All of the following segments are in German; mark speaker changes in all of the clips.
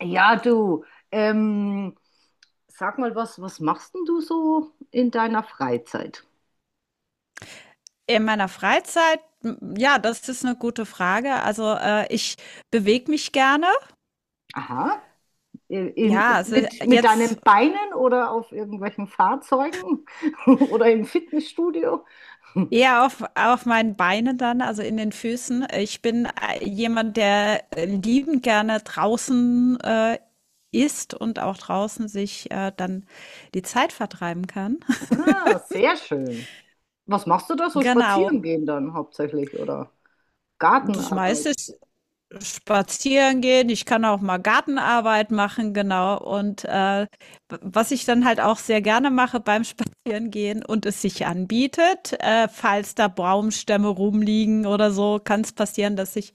Speaker 1: Ja, du, ähm, sag mal was, was machst denn du so in deiner Freizeit?
Speaker 2: In meiner Freizeit, ja, das ist eine gute Frage. Also, ich bewege mich gerne.
Speaker 1: Aha, in,
Speaker 2: Ja, also
Speaker 1: mit
Speaker 2: jetzt
Speaker 1: deinen Beinen oder auf irgendwelchen Fahrzeugen oder im Fitnessstudio?
Speaker 2: eher auf meinen Beinen dann, also in den Füßen. Ich bin, jemand, der, liebend gerne draußen, ist und auch draußen sich, dann die Zeit vertreiben kann.
Speaker 1: Ah, sehr schön. Was machst du da so?
Speaker 2: Genau.
Speaker 1: Spazieren gehen dann hauptsächlich oder
Speaker 2: Das meiste
Speaker 1: Gartenarbeit?
Speaker 2: ist spazieren gehen, ich kann auch mal Gartenarbeit machen, genau. Und was ich dann halt auch sehr gerne mache beim Spazierengehen und es sich anbietet, falls da Baumstämme rumliegen oder so, kann es passieren, dass ich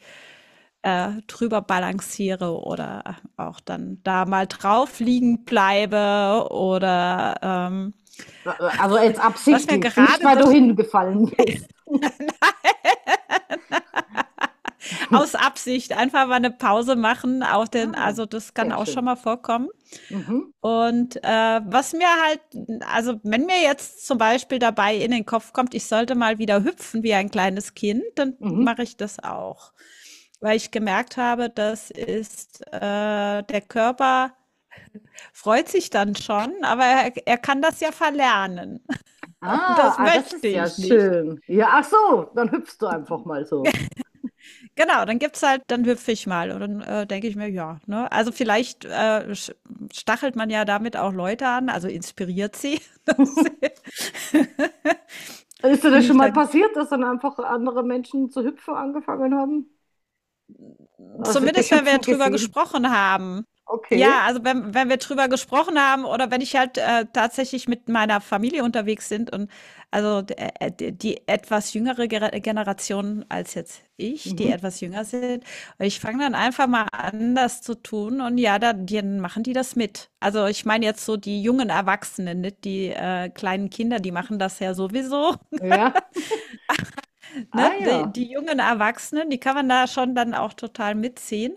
Speaker 2: drüber balanciere oder auch dann da mal drauf liegen bleibe oder
Speaker 1: Also jetzt
Speaker 2: was mir
Speaker 1: absichtlich, nicht
Speaker 2: gerade
Speaker 1: weil du
Speaker 2: durch,
Speaker 1: hingefallen bist.
Speaker 2: aus Absicht einfach mal eine Pause machen, auch den,
Speaker 1: Ah,
Speaker 2: also das kann
Speaker 1: sehr
Speaker 2: auch schon
Speaker 1: schön.
Speaker 2: mal vorkommen.
Speaker 1: Mhm,
Speaker 2: Und was mir halt, also wenn mir jetzt zum Beispiel dabei in den Kopf kommt, ich sollte mal wieder hüpfen wie ein kleines Kind, dann
Speaker 1: mhm.
Speaker 2: mache ich das auch. Weil ich gemerkt habe, das ist, der Körper freut sich dann schon, aber er kann das ja verlernen. Und
Speaker 1: Ah,
Speaker 2: das
Speaker 1: ah, das
Speaker 2: möchte
Speaker 1: ist ja
Speaker 2: ich nicht.
Speaker 1: schön. Ja, ach so, dann hüpfst du einfach mal so.
Speaker 2: Genau, dann gibt's halt, dann hüpfe ich mal. Und dann denke ich mir, ja, ne? Also vielleicht sch- stachelt man ja damit auch Leute an, also inspiriert sie. dass sie-
Speaker 1: Ist dir das
Speaker 2: Finde ich
Speaker 1: schon mal
Speaker 2: dann.
Speaker 1: passiert, dass dann einfach andere Menschen zu hüpfen angefangen haben? Also
Speaker 2: Zumindest,
Speaker 1: dich
Speaker 2: wenn wir
Speaker 1: hüpfen
Speaker 2: drüber
Speaker 1: gesehen.
Speaker 2: gesprochen haben.
Speaker 1: Okay.
Speaker 2: Ja, also wenn wir drüber gesprochen haben oder wenn ich halt tatsächlich mit meiner Familie unterwegs sind und also die etwas Generation als jetzt ich, die
Speaker 1: Mhm.
Speaker 2: etwas jünger sind, und ich fange dann einfach mal an, das zu tun und ja, dann machen die das mit. Also ich meine jetzt so die jungen Erwachsenen, nicht die kleinen Kinder, die machen das ja sowieso.
Speaker 1: Ja.
Speaker 2: Ne?
Speaker 1: Ah
Speaker 2: Die,
Speaker 1: ja.
Speaker 2: die jungen Erwachsenen, die kann man da schon dann auch total mitziehen.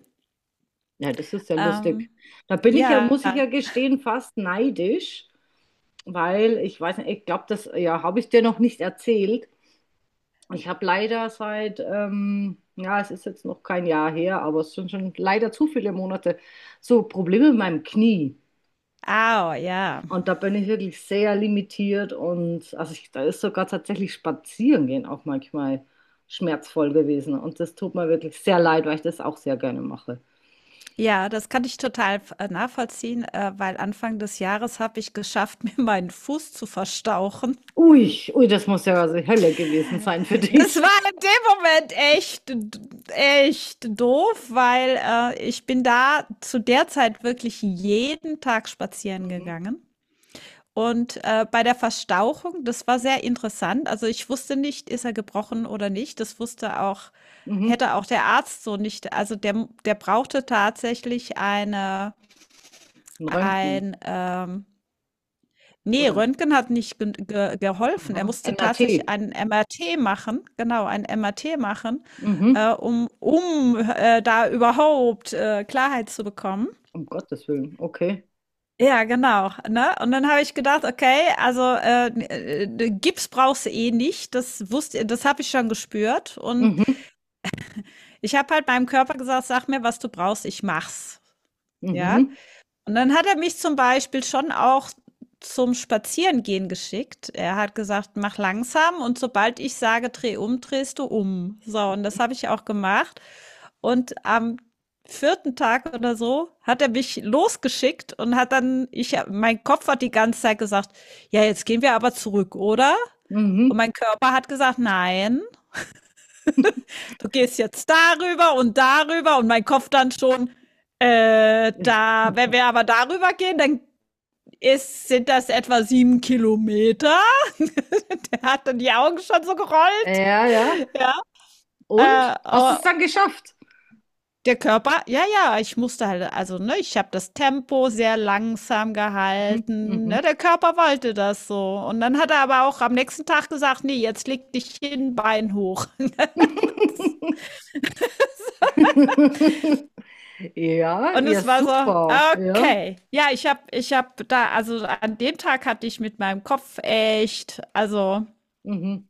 Speaker 1: Ja, das ist ja
Speaker 2: Ähm,
Speaker 1: lustig. Da bin ich ja,
Speaker 2: ja,
Speaker 1: muss ich ja gestehen, fast neidisch, weil ich weiß nicht, ich glaube, das ja, habe ich dir noch nicht erzählt. Ich habe leider seit, ja, es ist jetzt noch kein Jahr her, aber es sind schon leider zu viele Monate, so Probleme mit meinem Knie.
Speaker 2: au, ja.
Speaker 1: Und da bin ich wirklich sehr limitiert und also ich, da ist sogar tatsächlich spazieren gehen auch manchmal schmerzvoll gewesen. Und das tut mir wirklich sehr leid, weil ich das auch sehr gerne mache.
Speaker 2: Ja, das kann ich total nachvollziehen, weil Anfang des Jahres habe ich geschafft, mir meinen Fuß zu verstauchen.
Speaker 1: Ui, ui, das muss ja also Hölle gewesen sein für
Speaker 2: Das
Speaker 1: dich.
Speaker 2: war in dem Moment echt, echt doof, weil ich bin da zu der Zeit wirklich jeden Tag spazieren
Speaker 1: Mhm,
Speaker 2: gegangen. Und, bei der Verstauchung, das war sehr interessant. Also, ich wusste nicht, ist er gebrochen oder nicht. Das wusste auch
Speaker 1: mhm.
Speaker 2: hätte auch der Arzt so nicht also, der brauchte tatsächlich
Speaker 1: Ein Röntgen,
Speaker 2: ein, ähm ne,
Speaker 1: oder?
Speaker 2: Röntgen hat nicht gen ge geholfen.
Speaker 1: Aha.
Speaker 2: Er musste tatsächlich
Speaker 1: MRT.
Speaker 2: ein MRT machen, genau, ein MRT machen,
Speaker 1: Mhm.
Speaker 2: da überhaupt, Klarheit zu bekommen.
Speaker 1: Um Gottes Willen, okay.
Speaker 2: Ja, genau, ne? Und dann habe ich gedacht: „Okay, also, Gips brauchst du eh nicht." Das wusste das habe ich schon gespürt und
Speaker 1: Mhm,
Speaker 2: ich habe halt meinem Körper gesagt: „Sag mir, was du brauchst, ich mach's. Ja?
Speaker 1: mhm.
Speaker 2: Und dann hat er mich zum Beispiel schon auch zum Spazierengehen geschickt. Er hat gesagt, mach langsam und sobald ich sage, dreh um, drehst du um. So, und das habe ich auch gemacht. Und am vierten Tag oder so hat er mich losgeschickt und hat dann, ich, mein Kopf hat die ganze Zeit gesagt, ja, jetzt gehen wir aber zurück, oder? Und
Speaker 1: Mhm.
Speaker 2: mein Körper hat gesagt, nein, du gehst jetzt darüber und darüber und mein Kopf dann schon, da, wenn wir aber darüber gehen, dann ist, sind das etwa 7 Kilometer? Der hat dann die Augen schon so gerollt.
Speaker 1: Ja, ja.
Speaker 2: Ja. Äh,
Speaker 1: Und? Hast du
Speaker 2: äh,
Speaker 1: es dann geschafft?
Speaker 2: der Körper, ja, ja, ich musste halt, also, ne, ich habe das Tempo sehr langsam
Speaker 1: Mhm.
Speaker 2: gehalten.
Speaker 1: Mhm.
Speaker 2: Ne, der Körper wollte das so. Und dann hat er aber auch am nächsten Tag gesagt, nee, jetzt leg dich hin, Bein hoch.
Speaker 1: Ja,
Speaker 2: Und
Speaker 1: ja,
Speaker 2: es war so,
Speaker 1: super. Ja.
Speaker 2: okay. Ja, ich habe da, also an dem Tag hatte ich mit meinem Kopf echt, also
Speaker 1: Mhm.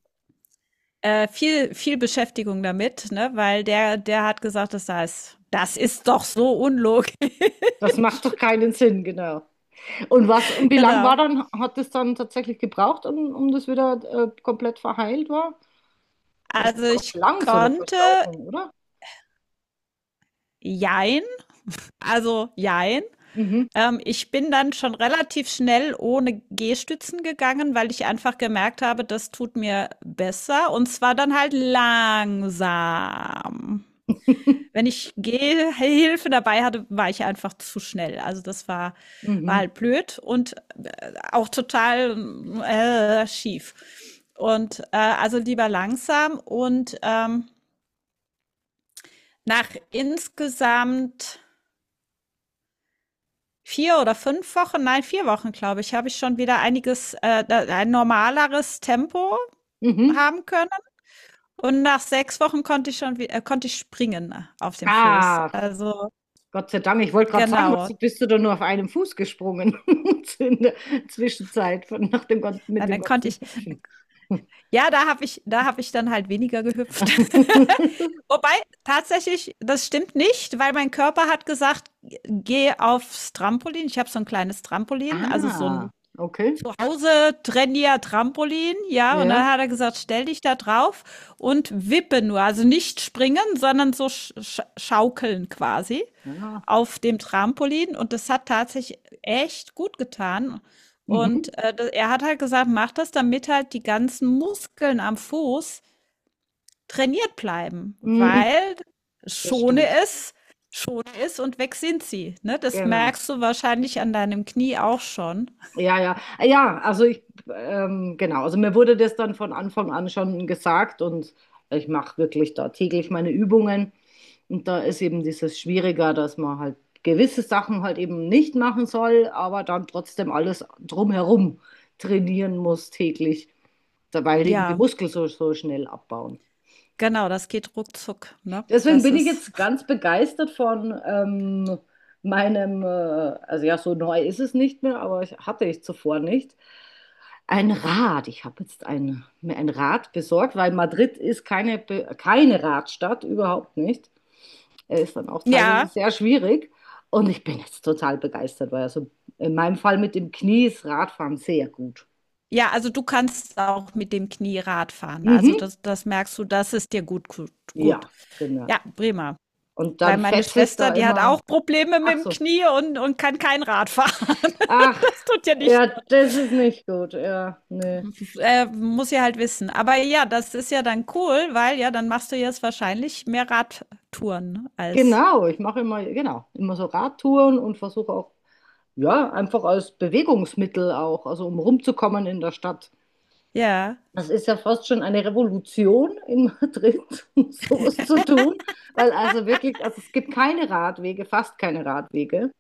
Speaker 2: Viel, viel Beschäftigung damit, ne? Weil der hat gesagt, das heißt, das ist doch so unlogisch.
Speaker 1: Das macht doch keinen Sinn, genau. Und was, und wie lang war
Speaker 2: Genau.
Speaker 1: dann, hat es dann tatsächlich gebraucht, um, um das wieder komplett verheilt war? Das
Speaker 2: Also
Speaker 1: braucht
Speaker 2: ich
Speaker 1: lang, so eine
Speaker 2: konnte
Speaker 1: Verstauchung, oder?
Speaker 2: jein, also jein.
Speaker 1: Mhm.
Speaker 2: Ich bin dann schon relativ schnell ohne Gehstützen gegangen, weil ich einfach gemerkt habe, das tut mir besser. Und zwar dann halt langsam. Wenn ich Gehhilfe dabei hatte, war ich einfach zu schnell. Also das war
Speaker 1: Mhm.
Speaker 2: halt blöd und auch total schief. Und also lieber langsam und nach insgesamt 4 oder 5 Wochen, nein, 4 Wochen, glaube ich, habe ich schon wieder einiges, ein normaleres Tempo
Speaker 1: Mhm.
Speaker 2: haben können. Und nach 6 Wochen konnte ich springen auf dem Fuß.
Speaker 1: Ah,
Speaker 2: Also
Speaker 1: Gott sei Dank, ich wollte gerade sagen, was
Speaker 2: genau.
Speaker 1: bist du da nur auf einem Fuß gesprungen in der Zwischenzeit von, nach dem, mit
Speaker 2: Nein,
Speaker 1: dem
Speaker 2: dann konnte
Speaker 1: ganzen
Speaker 2: ich,
Speaker 1: Hüpfen.
Speaker 2: ja, da habe ich dann halt weniger gehüpft. Wobei, tatsächlich, das stimmt nicht, weil mein Körper hat gesagt: „Geh aufs Trampolin." Ich habe so ein kleines Trampolin, also so
Speaker 1: Ah,
Speaker 2: ein
Speaker 1: okay.
Speaker 2: zu Hause Trainier Trampolin, ja, und
Speaker 1: Ja.
Speaker 2: dann hat er gesagt, stell dich da drauf und wippe nur, also nicht springen, sondern so schaukeln quasi
Speaker 1: Ja.
Speaker 2: auf dem Trampolin und das hat tatsächlich echt gut getan.
Speaker 1: Mhm.
Speaker 2: Und er hat halt gesagt, mach das, damit halt die ganzen Muskeln am Fuß trainiert bleiben,
Speaker 1: Mhm.
Speaker 2: weil
Speaker 1: Das
Speaker 2: schone
Speaker 1: stimmt.
Speaker 2: es, schone es und weg sind sie. Ne? Das
Speaker 1: Genau.
Speaker 2: merkst du wahrscheinlich an deinem Knie auch schon.
Speaker 1: Ja, ja. Ja, also ich, genau. Also mir wurde das dann von Anfang an schon gesagt und ich mache wirklich da täglich meine Übungen. Und da ist eben dieses Schwieriger, dass man halt gewisse Sachen halt eben nicht machen soll, aber dann trotzdem alles drumherum trainieren muss täglich, weil eben die
Speaker 2: Ja.
Speaker 1: Muskeln so, so schnell abbauen.
Speaker 2: Genau, das geht ruckzuck, ne?
Speaker 1: Deswegen
Speaker 2: Das
Speaker 1: bin ich
Speaker 2: ist
Speaker 1: jetzt ganz begeistert von meinem, also ja, so neu ist es nicht mehr, aber ich, hatte ich zuvor nicht, ein Rad. Ich habe jetzt ein, mir ein Rad besorgt, weil Madrid ist keine, keine Radstadt, überhaupt nicht. Er ist dann auch teilweise
Speaker 2: ja,
Speaker 1: sehr schwierig. Und ich bin jetzt total begeistert, weil also in meinem Fall mit dem Knie ist Radfahren sehr gut.
Speaker 2: ja, also du kannst auch mit dem Knie Rad fahren. Also
Speaker 1: Mhm.
Speaker 2: das merkst du, das ist dir
Speaker 1: Ja,
Speaker 2: gut.
Speaker 1: genau.
Speaker 2: Ja, prima.
Speaker 1: Und
Speaker 2: Weil
Speaker 1: dann
Speaker 2: meine
Speaker 1: fetze ich
Speaker 2: Schwester,
Speaker 1: da
Speaker 2: die hat
Speaker 1: immer.
Speaker 2: auch Probleme mit
Speaker 1: Ach
Speaker 2: dem
Speaker 1: so.
Speaker 2: Knie und kann kein Rad fahren.
Speaker 1: Ach,
Speaker 2: Das tut ja nicht
Speaker 1: ja,
Speaker 2: gut.
Speaker 1: das ist nicht gut. Ja, nee.
Speaker 2: Muss sie halt wissen. Aber ja, das ist ja dann cool, weil ja, dann machst du jetzt wahrscheinlich mehr Radtouren als
Speaker 1: Genau, ich mache immer, genau, immer so Radtouren und versuche auch, ja, einfach als Bewegungsmittel auch, also um rumzukommen in der Stadt.
Speaker 2: ja.
Speaker 1: Das ist ja fast schon eine Revolution in Madrid, um sowas zu tun, weil also wirklich, also es gibt keine Radwege, fast keine Radwege.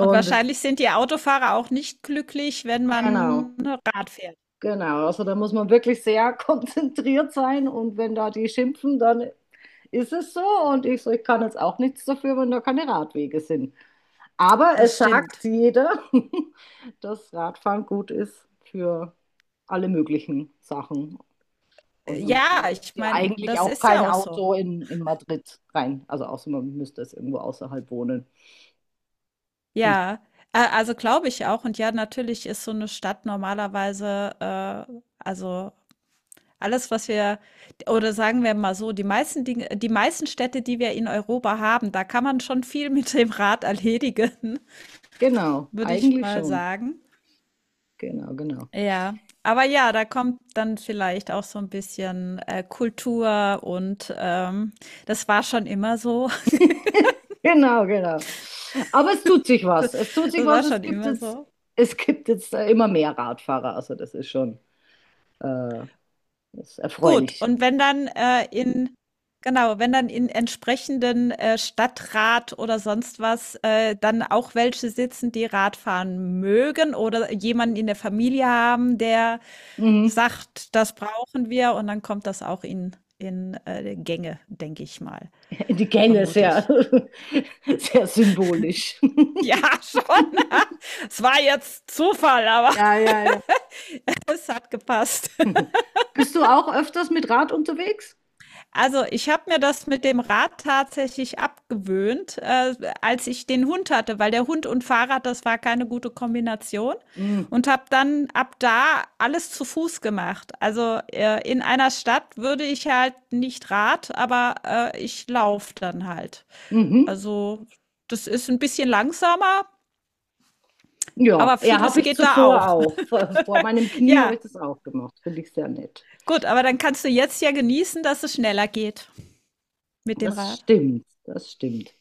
Speaker 2: Und
Speaker 1: es-
Speaker 2: wahrscheinlich sind die Autofahrer auch nicht glücklich, wenn
Speaker 1: genau,
Speaker 2: man Rad fährt.
Speaker 1: genau. Also da muss man wirklich sehr konzentriert sein und wenn da die schimpfen, dann ist es so. Und ich so, ich kann jetzt auch nichts dafür, wenn da keine Radwege sind. Aber
Speaker 2: Das
Speaker 1: es sagt
Speaker 2: stimmt.
Speaker 1: jeder, dass Radfahren gut ist für alle möglichen Sachen. Und man
Speaker 2: Ja,
Speaker 1: braucht
Speaker 2: ich
Speaker 1: ja
Speaker 2: meine,
Speaker 1: eigentlich
Speaker 2: das
Speaker 1: auch
Speaker 2: ist ja
Speaker 1: kein
Speaker 2: auch so.
Speaker 1: Auto in Madrid rein. Also außer man müsste es irgendwo außerhalb wohnen. Hm.
Speaker 2: Ja, a also, glaube ich auch. Und ja, natürlich ist so eine Stadt normalerweise, äh also, alles, was wir oder sagen wir mal so, die meisten Städte, die wir in Europa haben, da kann man schon viel mit dem Rad erledigen,
Speaker 1: Genau,
Speaker 2: würde ich
Speaker 1: eigentlich
Speaker 2: mal
Speaker 1: schon.
Speaker 2: sagen.
Speaker 1: Genau, genau.
Speaker 2: Ja. Aber ja, da kommt dann vielleicht auch so ein bisschen, Kultur und, das war schon immer so.
Speaker 1: Genau, genau. Aber es tut sich was. Es tut sich
Speaker 2: Das war
Speaker 1: was.
Speaker 2: schon immer so.
Speaker 1: Es gibt jetzt immer mehr Radfahrer. Also das ist schon äh, das ist
Speaker 2: Gut,
Speaker 1: erfreulich.
Speaker 2: und wenn dann, in genau, wenn dann in entsprechenden, Stadtrat oder sonst was, dann auch welche sitzen, die Radfahren mögen oder jemanden in der Familie haben, der
Speaker 1: Mhm.
Speaker 2: sagt: „Das brauchen wir", und dann kommt das auch Gänge, denke ich mal,
Speaker 1: Die Gänge
Speaker 2: vermute
Speaker 1: sehr,
Speaker 2: ich.
Speaker 1: sehr symbolisch.
Speaker 2: Ja, schon. Es war jetzt Zufall, aber
Speaker 1: Ja, ja, ja.
Speaker 2: es hat gepasst.
Speaker 1: Bist du auch öfters mit Rad unterwegs?
Speaker 2: Also, ich habe mir das mit dem Rad tatsächlich abgewöhnt, als ich den Hund hatte, weil der Hund und Fahrrad, das war keine gute Kombination
Speaker 1: Mhm.
Speaker 2: und habe dann ab da alles zu Fuß gemacht. Also, in einer Stadt würde ich halt nicht Rad, aber ich laufe dann halt.
Speaker 1: Mhm.
Speaker 2: Also, das ist ein bisschen langsamer,
Speaker 1: Ja,
Speaker 2: aber
Speaker 1: ja, habe
Speaker 2: vieles
Speaker 1: ich
Speaker 2: geht da
Speaker 1: zuvor
Speaker 2: auch.
Speaker 1: auch. Vor, vor meinem Knie habe ich
Speaker 2: Ja,
Speaker 1: das auch gemacht. Finde ich sehr nett.
Speaker 2: gut, aber dann kannst du jetzt ja genießen, dass es schneller geht mit dem
Speaker 1: Das
Speaker 2: Rad.
Speaker 1: stimmt, das stimmt.